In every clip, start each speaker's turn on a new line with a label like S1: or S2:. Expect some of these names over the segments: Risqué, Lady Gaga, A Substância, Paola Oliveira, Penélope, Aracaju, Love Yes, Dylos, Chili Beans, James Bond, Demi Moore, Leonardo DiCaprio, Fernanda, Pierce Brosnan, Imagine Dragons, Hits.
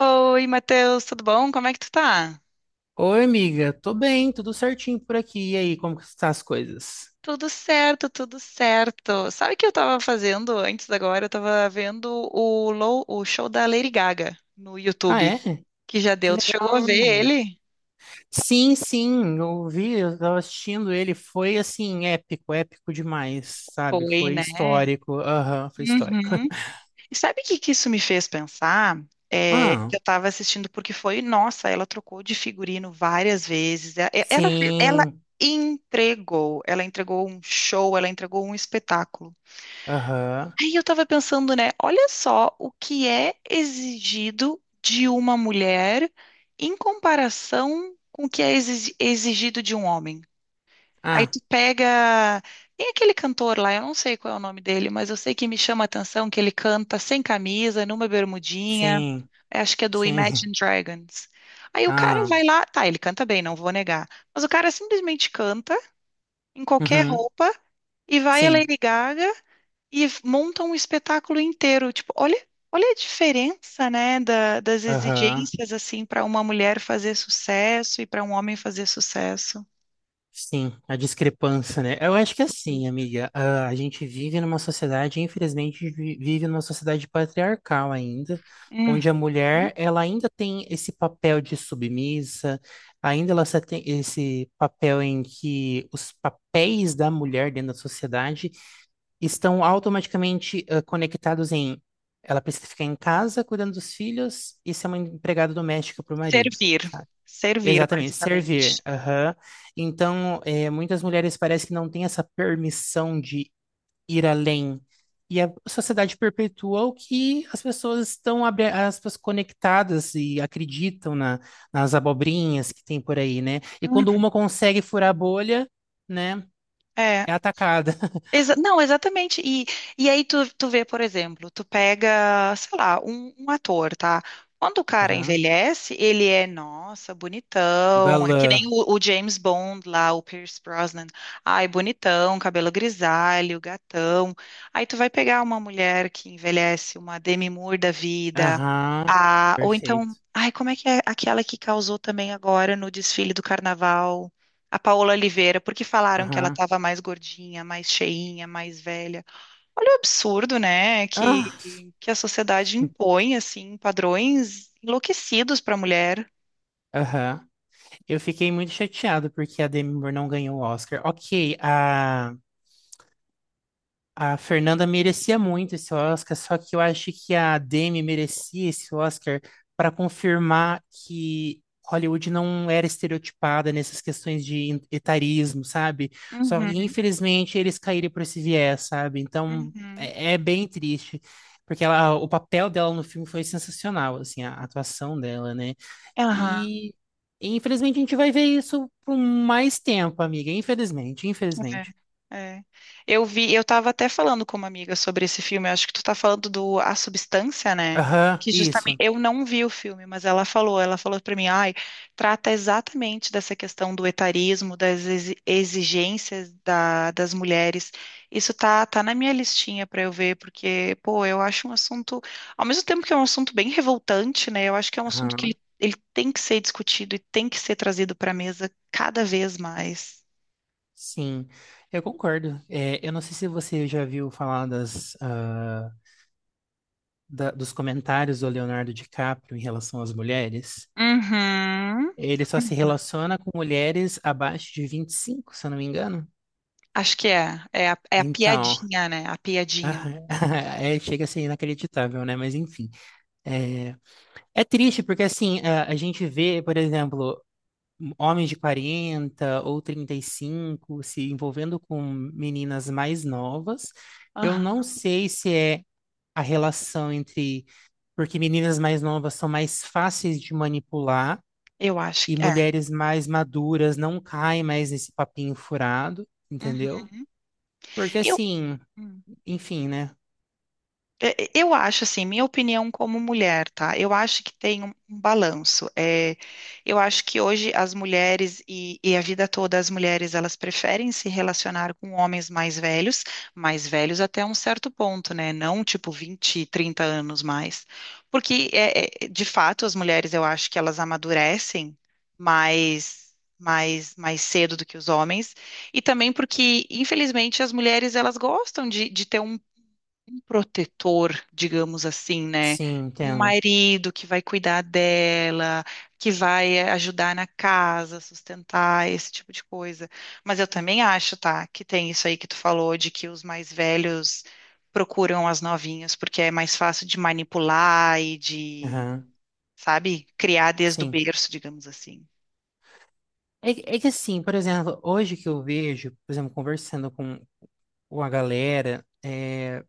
S1: Oi, Matheus, tudo bom? Como é que tu tá?
S2: Oi, amiga. Tô bem, tudo certinho por aqui. E aí, como que estão as coisas?
S1: Tudo certo, tudo certo. Sabe o que eu tava fazendo antes agora? Eu tava vendo o show da Lady Gaga no
S2: Ah,
S1: YouTube,
S2: é?
S1: que já
S2: Que
S1: deu. Tu chegou a
S2: legal.
S1: ver ele?
S2: Sim, sim, eu vi, eu tava assistindo ele. Foi assim, épico, épico demais, sabe?
S1: Foi,
S2: Foi
S1: né?
S2: histórico. Aham, foi histórico.
S1: Uhum. E sabe o que que isso me fez pensar? É,
S2: Ah,
S1: que eu tava assistindo porque foi, nossa, ela trocou de figurino várias vezes. E- Ela, fe-
S2: sim.
S1: ela entregou um show, ela entregou um espetáculo.
S2: Aham.
S1: Aí eu tava pensando, né? Olha só o que é exigido de uma mulher em comparação com o que é exigido de um homem. Aí
S2: Ah,
S1: tu pega. Tem aquele cantor lá, eu não sei qual é o nome dele, mas eu sei que me chama a atenção que ele canta sem camisa, numa bermudinha.
S2: sim.
S1: É, Acho que é do
S2: Sim.
S1: Imagine Dragons. Aí o cara
S2: Ah,
S1: vai lá, tá, ele canta bem, não vou negar. Mas o cara simplesmente canta em qualquer
S2: uhum,
S1: roupa e vai a
S2: sim.
S1: Lady Gaga e montam um espetáculo inteiro. Tipo, olha, olha a diferença, né, das
S2: Aham.
S1: exigências assim para uma mulher fazer sucesso e para um homem fazer sucesso.
S2: Sim, a discrepância, né? Eu acho que é assim, amiga, a gente vive numa sociedade, infelizmente, vive numa sociedade patriarcal ainda,
S1: Uhum.
S2: onde a mulher, ela ainda tem esse papel de submissa, ainda ela só tem esse papel em que os papéis da mulher dentro da sociedade estão automaticamente conectados em ela precisa ficar em casa cuidando dos filhos e ser uma empregada doméstica para o marido.
S1: Servir, servir
S2: Exatamente, servir.
S1: basicamente.
S2: Aham. Então, é, muitas mulheres parece que não têm essa permissão de ir além. E a sociedade perpetua o que as pessoas estão, abre aspas, conectadas e acreditam nas abobrinhas que tem por aí, né? E
S1: Uhum.
S2: quando uma consegue furar a bolha, né,
S1: É.
S2: é atacada.
S1: Exa- não, exatamente. E aí tu vê, por exemplo, tu pega, sei lá, um ator, tá? Quando o cara
S2: Aham.
S1: envelhece, ele é, nossa,
S2: O
S1: bonitão. É que nem
S2: galã.
S1: o James Bond lá, o Pierce Brosnan. Ai, bonitão, cabelo grisalho, gatão. Aí tu vai pegar uma mulher que envelhece, uma Demi Moore da vida,
S2: Aham.
S1: ou
S2: Perfeito.
S1: então, ai, como é que é aquela que causou também agora no desfile do carnaval? A Paola Oliveira, porque falaram que ela
S2: Aham.
S1: estava mais gordinha, mais cheinha, mais velha. Olha o absurdo, né?
S2: Ah,
S1: Que a sociedade impõe, assim, padrões enlouquecidos para a mulher.
S2: aham. Eu fiquei muito chateado porque a Demi Moore não ganhou o Oscar. Ok. A Fernanda merecia muito esse Oscar, só que eu acho que a Demi merecia esse Oscar para confirmar que Hollywood não era estereotipada nessas questões de etarismo, sabe? Só que,
S1: Uhum,
S2: infelizmente, eles caíram por esse viés, sabe? Então,
S1: uhum.
S2: é bem triste, porque ela, o papel dela no filme foi sensacional, assim, a atuação dela, né?
S1: Aham.
S2: E, infelizmente, a gente vai ver isso por mais tempo, amiga. Infelizmente, infelizmente.
S1: É, é. Eu vi, eu tava até falando com uma amiga sobre esse filme, eu acho que tu tá falando do A Substância, né?
S2: Aham,
S1: Que justamente
S2: isso.
S1: eu não vi o filme, mas ela falou pra mim, ai, trata exatamente dessa questão do etarismo, exigências das mulheres. Isso tá, tá na minha listinha pra eu ver, porque, pô, eu acho um assunto, ao mesmo tempo que é um assunto bem revoltante, né? Eu acho que é um assunto que
S2: Aham.
S1: ele tem que ser discutido e tem que ser trazido pra mesa cada vez mais.
S2: Sim, eu concordo. É, eu não sei se você já viu falar das, dos comentários do Leonardo DiCaprio em relação às mulheres.
S1: Uhum.
S2: Ele só se relaciona com mulheres abaixo de 25 se eu não me engano.
S1: Acho que é. É é a
S2: Então,
S1: piadinha, né? A piadinha.
S2: aham, é, chega a ser inacreditável, né? Mas enfim. É, é triste porque, assim, a gente vê, por exemplo, homens de 40 ou 35 se envolvendo com meninas mais novas. Eu não
S1: Aham.
S2: sei se é a relação entre. Porque meninas mais novas são mais fáceis de manipular
S1: Eu acho
S2: e
S1: que é.
S2: mulheres mais maduras não caem mais nesse papinho furado,
S1: Uhum.
S2: entendeu? Porque
S1: Eu.
S2: assim, enfim, né?
S1: É, é, Eu acho assim, minha opinião como mulher, tá? Eu acho que tem um balanço. É, eu acho que hoje as mulheres e a vida toda as mulheres elas preferem se relacionar com homens mais velhos até um certo ponto, né? Não tipo 20, 30 anos mais. Porque é, é, de fato as mulheres eu acho que elas amadurecem mais mais cedo do que os homens. E também porque, infelizmente, as mulheres elas gostam de ter um protetor, digamos assim, né?
S2: Sim,
S1: Um
S2: entendo.
S1: marido que vai cuidar dela, que vai ajudar na casa, sustentar, esse tipo de coisa. Mas eu também acho, tá, que tem isso aí que tu falou de que os mais velhos procuram as novinhas porque é mais fácil de manipular e
S2: Aham,
S1: sabe, criar desde o
S2: sim.
S1: berço, digamos assim.
S2: É, é que assim, por exemplo, hoje que eu vejo, por exemplo, conversando com a galera, é,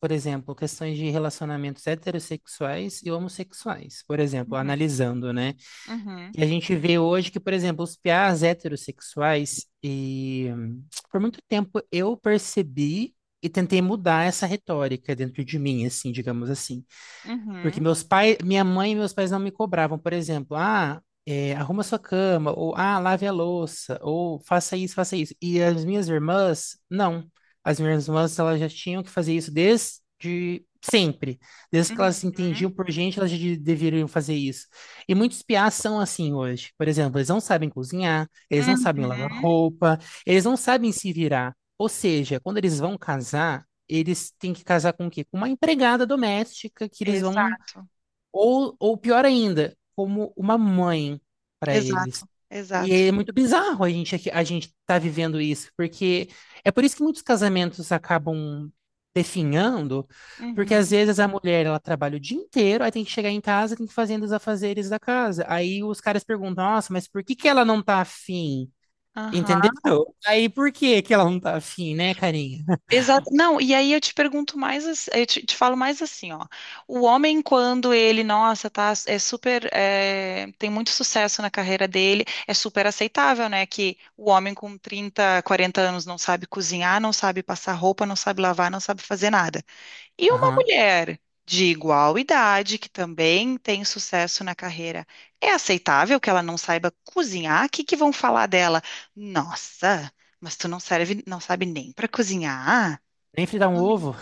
S2: por exemplo, questões de relacionamentos heterossexuais e homossexuais, por exemplo,
S1: Uhum,
S2: analisando, né?
S1: uhum,
S2: E a gente vê hoje que, por exemplo, os piás heterossexuais, e por muito tempo eu percebi e tentei mudar essa retórica dentro de mim, assim, digamos assim. Porque
S1: uhum,
S2: meus pais, minha mãe e meus pais não me cobravam, por exemplo, é, arruma sua cama, ou lave a louça, ou faça isso, faça isso. E as minhas irmãs, não. As minhas irmãs, elas já tinham que fazer isso desde sempre. Desde que elas se
S1: uhum,
S2: entendiam por gente, elas já deveriam fazer isso. E muitos piás são assim hoje. Por exemplo, eles não sabem cozinhar, eles não
S1: uhum.
S2: sabem lavar roupa, eles não sabem se virar. Ou seja, quando eles vão casar, eles têm que casar com o quê? Com uma empregada doméstica que eles vão,
S1: Exato,
S2: ou pior ainda, como uma mãe para eles.
S1: exato,
S2: E
S1: exato.
S2: é muito bizarro a gente tá vivendo isso, porque é por isso que muitos casamentos acabam definhando, porque às
S1: Uhum,
S2: vezes a mulher ela trabalha o dia inteiro, aí tem que chegar em casa, tem que fazer os afazeres da casa. Aí os caras perguntam: "Nossa, mas por que que ela não tá afim?" Entendeu?
S1: aham.
S2: Aí por que que ela não tá afim, né, carinha?
S1: Exato. Não, e aí eu te pergunto mais, te falo mais assim, ó. O homem, quando ele, nossa, tá, é super, é, tem muito sucesso na carreira dele, é super aceitável, né? Que o homem com 30, 40 anos não sabe cozinhar, não sabe passar roupa, não sabe lavar, não sabe fazer nada. E uma
S2: Aham.
S1: mulher de igual idade, que também tem sucesso na carreira, é aceitável que ela não saiba cozinhar? O que que vão falar dela? Nossa, mas tu não serve, não sabe nem para cozinhar?
S2: Nem fritar um ovo?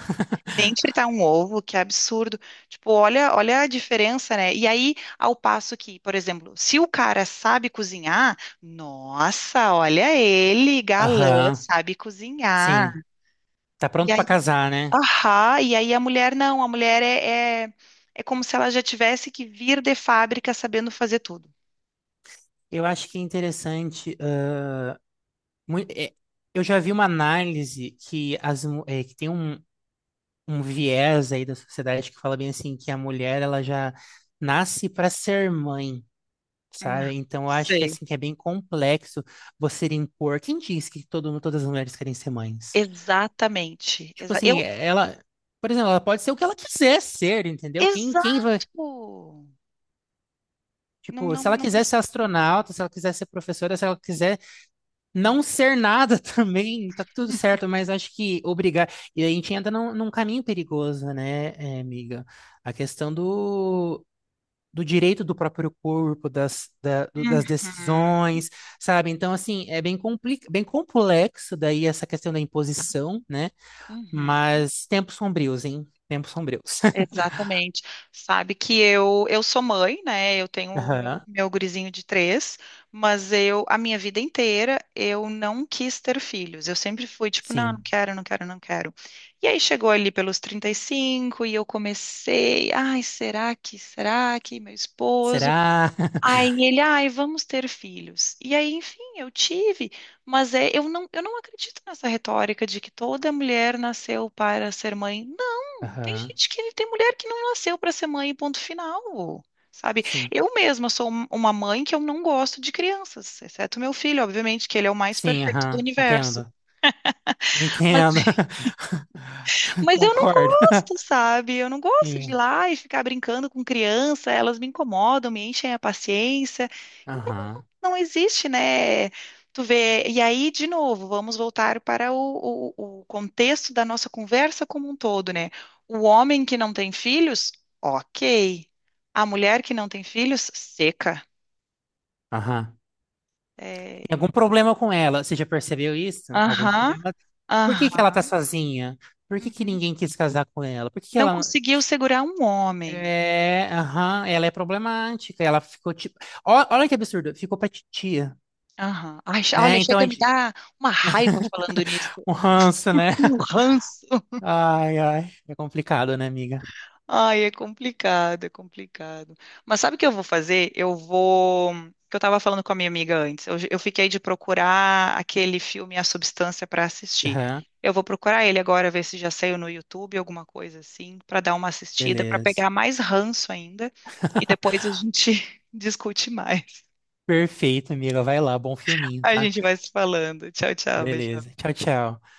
S1: Nem fritar um ovo, que absurdo. Tipo, olha, olha a diferença, né? E aí, ao passo que, por exemplo, se o cara sabe cozinhar, nossa, olha ele, galã,
S2: Aham.
S1: sabe cozinhar.
S2: Sim. Tá
S1: E
S2: pronto
S1: aí,
S2: pra casar, né?
S1: ahá, e aí a mulher não, a mulher é como se ela já tivesse que vir de fábrica sabendo fazer tudo.
S2: Eu acho que é interessante. É, eu já vi uma análise que, é, que tem um viés aí da sociedade que fala bem assim que a mulher ela já nasce para ser mãe,
S1: Não,
S2: sabe? Então eu acho que
S1: sei.
S2: assim que é bem complexo você impor. Quem diz que todo, todas as mulheres querem ser mães?
S1: Exatamente.
S2: Tipo assim, ela, por exemplo, ela pode ser o que ela quiser ser, entendeu? Quem, quem
S1: Exato.
S2: vai,
S1: Não,
S2: tipo,
S1: não,
S2: se ela
S1: não
S2: quiser ser
S1: precisa.
S2: astronauta, se ela quiser ser professora, se ela quiser não ser nada também, tá tudo certo, mas acho que obrigar. E a gente entra num caminho perigoso, né, amiga? A questão do direito do próprio corpo, das
S1: Uhum,
S2: decisões, sabe? Então, assim, é bem, compli bem complexo daí essa questão da imposição, né?
S1: uhum.
S2: Mas tempos sombrios, hein? Tempos sombrios.
S1: Exatamente. Sabe que eu sou mãe, né? Eu tenho o
S2: Aham.
S1: meu gurizinho de três, mas eu a minha vida inteira eu não quis ter filhos. Eu sempre fui tipo, não, não
S2: Sim.
S1: quero, não quero, não quero. E aí chegou ali pelos 35 e cinco e eu comecei, ai, será que meu esposo?
S2: Será?
S1: Aí ele, ai, vamos ter filhos. E aí, enfim, eu tive, eu não acredito nessa retórica de que toda mulher nasceu para ser mãe. Não, tem
S2: Aham.
S1: gente que tem mulher que não nasceu para ser mãe, ponto final. Sabe?
S2: Sim.
S1: Eu mesma sou uma mãe que eu não gosto de crianças, exceto meu filho, obviamente, que ele é o mais
S2: Sim,
S1: perfeito do
S2: aham.
S1: universo.
S2: Entendo. Entendo.
S1: Mas eu não
S2: Concordo.
S1: gosto, sabe? Eu não gosto de ir
S2: Sim.
S1: lá e ficar brincando com criança, elas me incomodam, me enchem a paciência. Então,
S2: Aham.
S1: não existe, né? Tu vê. E aí, de novo, vamos voltar para o contexto da nossa conversa como um todo, né? O homem que não tem filhos, ok. A mulher que não tem filhos, seca.
S2: Aham.
S1: É,
S2: Tem algum problema com ela? Você já percebeu isso? Algum
S1: aham,
S2: problema? Por que que
S1: aham.
S2: ela tá sozinha? Por que que
S1: Uhum.
S2: ninguém quis casar com ela? Por que que
S1: Não
S2: ela.
S1: conseguiu segurar um homem.
S2: É, aham, ela é problemática. Ela ficou tipo. Olha que absurdo, ficou pra titia,
S1: Aham. Ai, che- olha,
S2: né? Então a
S1: chega a me
S2: gente.
S1: dar uma raiva falando nisso.
S2: Um ranço, né?
S1: Um ranço.
S2: Ai, ai. É complicado, né, amiga?
S1: Ai, é complicado, é complicado. Mas sabe o que eu vou fazer? Eu vou. Que eu estava falando com a minha amiga antes. Eu fiquei de procurar aquele filme A Substância para assistir.
S2: Aham,
S1: Eu vou procurar ele agora, ver se já saiu no YouTube, alguma coisa assim, para dar uma assistida, para
S2: beleza.
S1: pegar mais ranço ainda. E depois a gente discute mais.
S2: Perfeito, amiga. Vai lá, bom filminho,
S1: A
S2: tá?
S1: gente vai se falando. Tchau, tchau. Beijo.
S2: Beleza. Tchau, tchau.